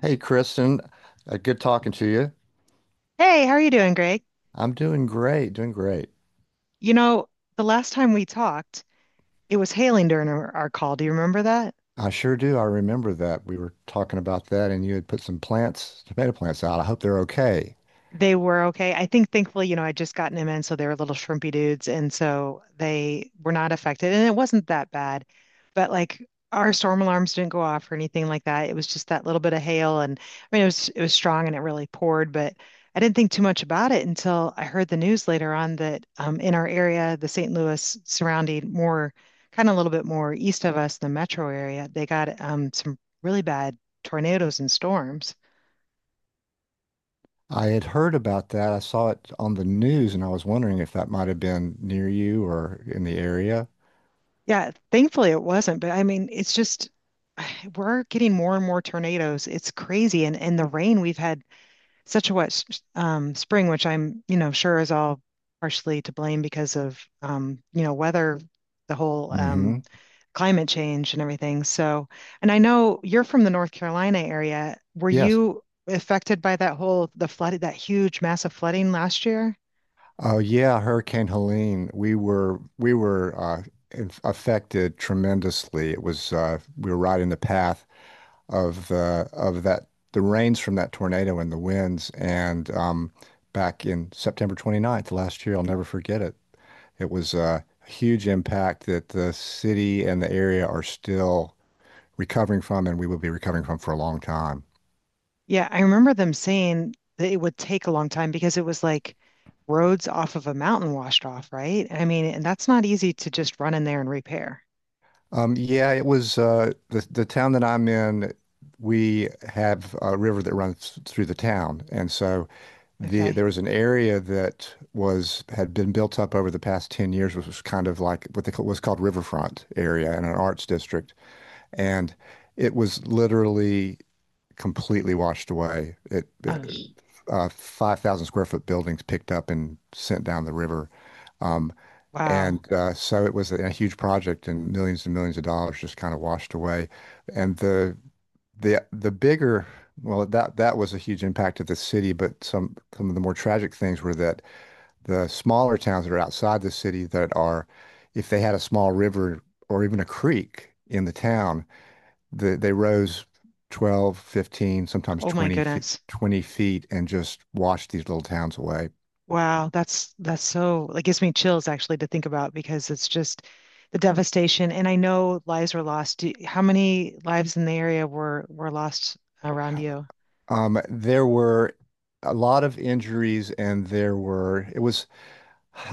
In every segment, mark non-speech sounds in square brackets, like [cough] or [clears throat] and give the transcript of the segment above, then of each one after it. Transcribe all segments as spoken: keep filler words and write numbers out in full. Hey, Kristen, uh, good talking to you. Hey, how are you doing, Greg? I'm doing great, doing great. You know, the last time we talked, it was hailing during our, our call. Do you remember that? I sure do. I remember that we were talking about that, and you had put some plants, tomato plants out. I hope they're okay. They were okay. I think thankfully, you know, I'd just gotten him in, so they were little shrimpy dudes, and so they were not affected, and it wasn't that bad. But like our storm alarms didn't go off or anything like that. It was just that little bit of hail, and I mean, it was it was strong and it really poured, but I didn't think too much about it until I heard the news later on that um, in our area, the Saint Louis surrounding, more kind of a little bit more east of us, the metro area, they got um, some really bad tornadoes and storms. I had heard about that. I saw it on the news, and I was wondering if that might have been near you or in the area. Yeah, thankfully it wasn't, but I mean, it's just [sighs] we're getting more and more tornadoes. It's crazy, and and the rain we've had such a wet s- um, spring, which I'm you know sure is all partially to blame because of um, you know weather, the whole Hmm. um, climate change and everything. So, and I know you're from the North Carolina area. Were Yes. you affected by that whole the flood, that huge massive flooding last year? Oh, yeah, Hurricane Helene. We were we were uh, inf- affected tremendously. It was, uh, we were right in the path. of the of that the rains from that tornado and the winds. And um, back in September twenty ninth last year, I'll never forget it. It was uh, a huge impact that the city and the area are still recovering from, and we will be recovering from for a long time. Yeah, I remember them saying that it would take a long time because it was like roads off of a mountain washed off, right? I mean, and that's not easy to just run in there and repair. Um, yeah, it was uh, the the town that I'm in. We have a river that runs through the town, and so the Okay. there was an area that was had been built up over the past ten years, which was kind of like what they call, was called riverfront area in an arts district, and it was literally completely washed away it Oh, it, uh, five thousand square foot buildings picked up and sent down the river um, wow. and uh, so it was a, a huge project, and millions and millions of dollars just kind of washed away. And the the the bigger, well, that that was a huge impact to the city, but some some of the more tragic things were that the smaller towns that are outside the city that are, if they had a small river or even a creek in the town, the, they rose twelve, fifteen, sometimes Oh my 20 feet goodness. 20 feet and just washed these little towns away. Wow, that's that's so it gives me chills actually to think about because it's just the devastation. And I know lives were lost. Do, how many lives in the area were were lost around you? um there were a lot of injuries, and there were, it was,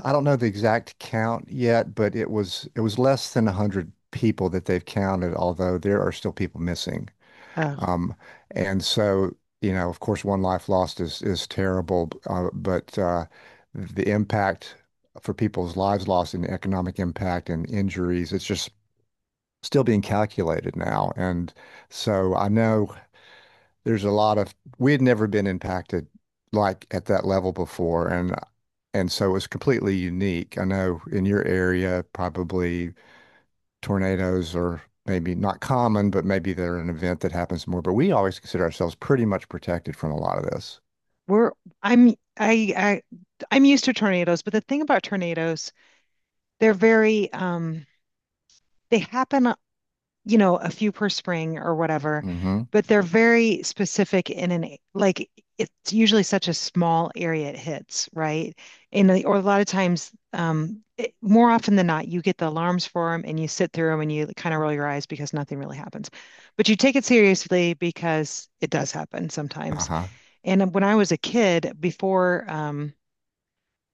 I don't know the exact count yet, but it was, it was less than one hundred people that they've counted, although there are still people missing. Oh, Um, and so, you know, of course, one life lost is is terrible, uh, but uh, the impact for people's lives lost and the economic impact and injuries, it's just still being calculated now. And so I know there's a lot of, we had never been impacted like at that level before, and and so it was completely unique. I know in your area, probably tornadoes are maybe not common, but maybe they're an event that happens more. But we always consider ourselves pretty much protected from a lot of this. we're I'm I I I'm used to tornadoes, but the thing about tornadoes they're very um they happen, uh, you know, a few per spring or whatever, Mm-hmm. but they're very specific in an like it's usually such a small area it hits, right? And the- or a lot of times um it, more often than not you get the alarms for them and you sit through them and you kind of roll your eyes because nothing really happens. But you take it seriously because it does happen sometimes. Uh-huh. And when I was a kid, before um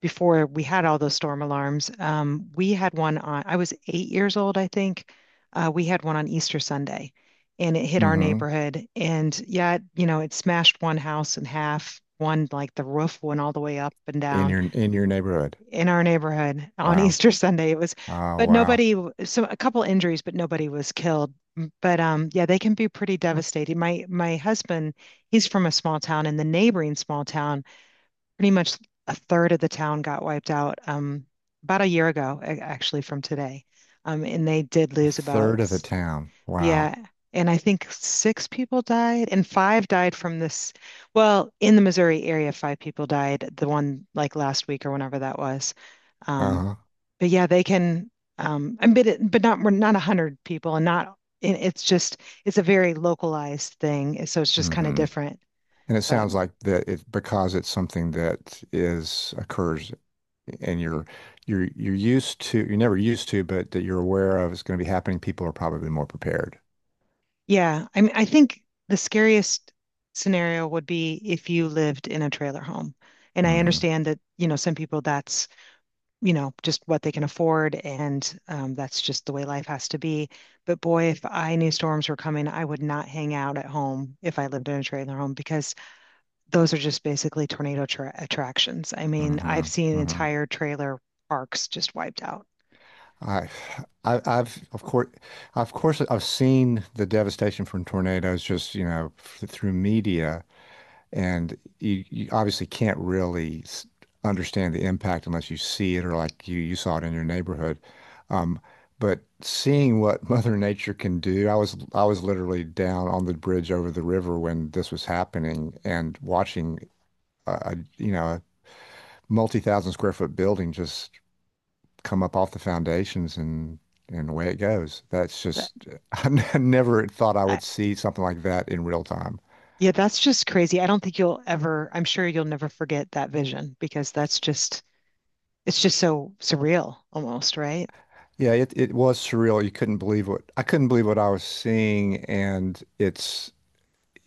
before we had all those storm alarms, um, we had one on, I was eight years old, I think. Uh, we had one on Easter Sunday and it hit our Mm-hmm. neighborhood. And yeah, it- you know, it smashed one house in half. One, like the roof went all the way up and In down your in your neighborhood. in our neighborhood on [laughs] Wow. Easter Sunday. It was, Oh, but wow. nobody, so a couple injuries, but nobody was killed. mm, But um, yeah, they can be pretty devastating. My my husband, he's from a small town, and the neighboring small town pretty much a third of the town got wiped out um, about a year ago, a- actually, from today. Um, and they did A lose about, third of the s- town. yeah. Wow. And I think six people died, and five died from this. Well, in the Missouri area, five people died, the one like last week or whenever that was. Um, Uh-huh. but yeah, they can, um, and but, it, but not, we're not a hundred people, and not, it, it's just, it's a very localized thing. So it's just kind of Mm-hmm. different. And it But sounds like that it, because it's something that is occurs and you're, you're you're used to, you're never used to, but that you're aware of is going to be happening, people are probably more prepared. yeah, I mean, I think the scariest scenario would be if you lived in a trailer home. And I Hmm. understand that, you know, some people that's, you know, just what they can afford and um, that's just the way life has to be. But boy, if I knew storms were coming, I would not hang out at home if I lived in a trailer home because those are just basically tornado tra- attractions. I Hmm. mean, I've seen Hmm. entire trailer parks just wiped out. I, I I've of course of course I've seen the devastation from tornadoes, just you know f- through media. And you, you obviously can't really s- understand the impact unless you see it, or like you you saw it in your neighborhood. Um, but seeing what [laughs] Mother Nature can do, I was I was literally down on the bridge over the river when this was happening, and watching a, a, you know, a multi-thousand square foot building just come up off the foundations, and and away it goes. That's That, just, [laughs] I never thought I I, would see something like that in real time. yeah, that's just crazy. I don't think you'll ever, I'm sure you'll never forget that vision because that's just, it's just so surreal almost, right? Yeah, it it was surreal. You couldn't believe what, I couldn't believe what I was seeing, and it's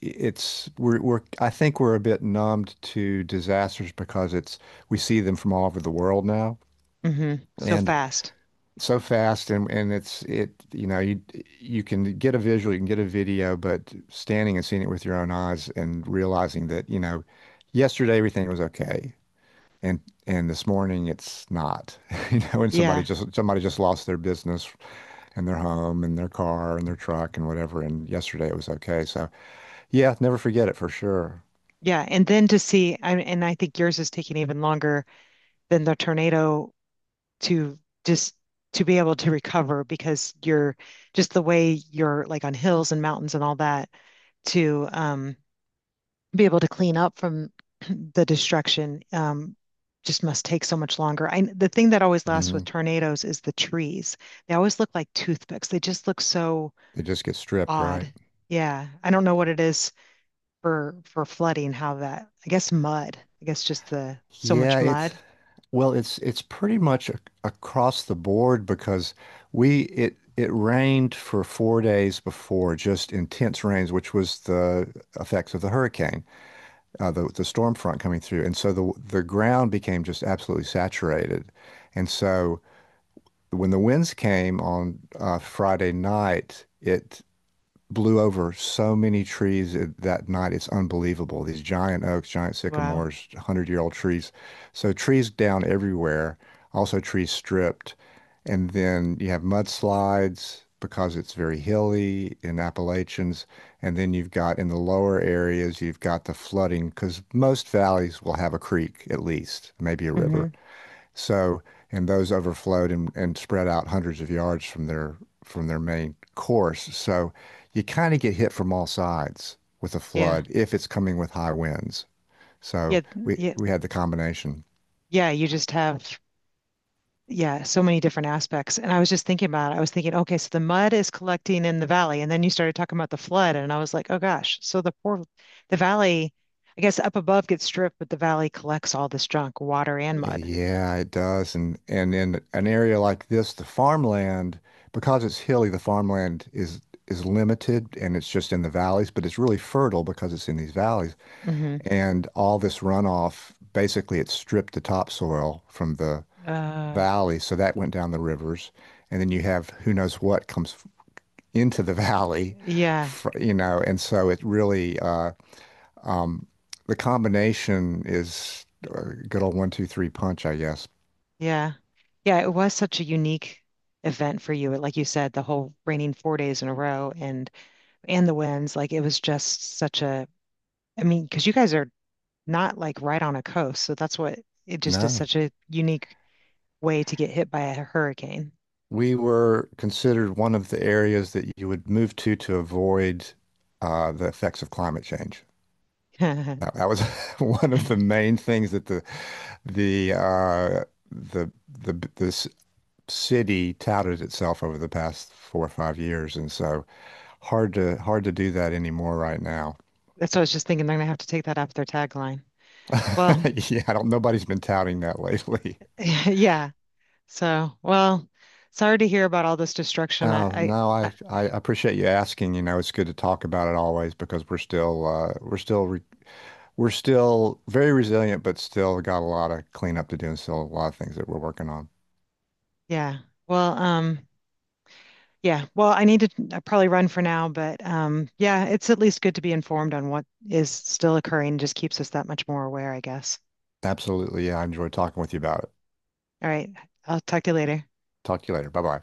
it's we're we're I think we're a bit numbed to disasters because it's, we see them from all over the world now. Hmm. That's, So and fast. so fast, and and it's, it, you know, you you can get a visual, you can get a video, but standing and seeing it with your own eyes and realizing that, you know, yesterday everything was okay, and and this morning it's not, [laughs] you know, and somebody Yeah. just, somebody just lost their business and their home and their car and their truck and whatever. And yesterday it was okay. So yeah, never forget it for sure. Yeah. And then to see, I, and I think yours is taking even longer than the tornado to just to be able to recover because you're just the way you're like on hills and mountains and all that to um, be able to clean up from [clears throat] the destruction um, just must take so much longer. I the thing that always lasts Hmm. with tornadoes is the trees. They always look like toothpicks. They just look so It just gets stripped, right? odd. Yeah, I don't know what it is for for flooding, how that, I guess mud. I guess just the so Yeah, much it's, mud. well, it's it's pretty much a, across the board because we, it it rained for four days before, just intense rains, which was the effects of the hurricane, uh, the the storm front coming through, and so the the ground became just absolutely saturated, and so. When the winds came on uh, Friday night, it blew over so many trees that night. It's unbelievable. These giant oaks, giant Wow. sycamores, one hundred-year-old trees. So trees down everywhere, also trees stripped. And then you have mudslides because it's very hilly in Appalachians. And then you've got in the lower areas, you've got the flooding because most valleys will have a creek at least, maybe a river. Hmm. So, and those overflowed and, and spread out hundreds of yards from their from their main course. So you kind of get hit from all sides with a Yeah. flood if it's coming with high winds. Yeah. So we Yeah. we had the combination. Yeah, you just have, yeah, so many different aspects. And I was just thinking about it. I was thinking, okay, so the mud is collecting in the valley. And then you started talking about the flood. And I was like, oh gosh. So the poor, the valley, I guess up above gets stripped, but the valley collects all this junk, water and mud. Yeah, it does. And and in an area like this, the farmland, because it's hilly, the farmland is is limited and it's just in the valleys, but it's really fertile because it's in these valleys. Hmm. And all this runoff, basically it stripped the topsoil from the Uh, valley, so that went down the rivers, and then you have who knows what comes into the [laughs] valley, yeah, you know, and so it really, uh, um, the combination is a good old one, two, three punch, I guess. yeah. Yeah, it was such a unique event for you. Like you said, the whole raining four days in a row and and the winds, like it was just such a, I mean, because you guys are not like right on a coast. So that's what it just is No, such a unique way to get hit by a hurricane. we were considered one of the areas that you would move to to avoid uh, the effects of climate change. That, [laughs] that was [laughs] one of the main things that the the uh, the the the city touted itself over the past four or five years, and so hard to hard to do that anymore right now. That's what I was just thinking. They're gonna have to take that off their tagline. Well, [laughs] Yeah, I don't, nobody's been touting that lately. [laughs] [laughs] yeah. So, well, sorry to hear about all this destruction. I, Oh, no, I, I I, I appreciate you asking. You know, it's good to talk about it always because we're still uh, we're still re we're still very resilient, but still got a lot of cleanup to do and still a lot of things that we're working on. yeah. Well, um, yeah. Well, I need to I probably run for now, but um, yeah, it's at least good to be informed on what is still occurring. Just keeps us that much more aware, I guess. Absolutely, yeah, I enjoyed talking with you about it. All right. I'll talk to you later. Talk to you later. Bye bye.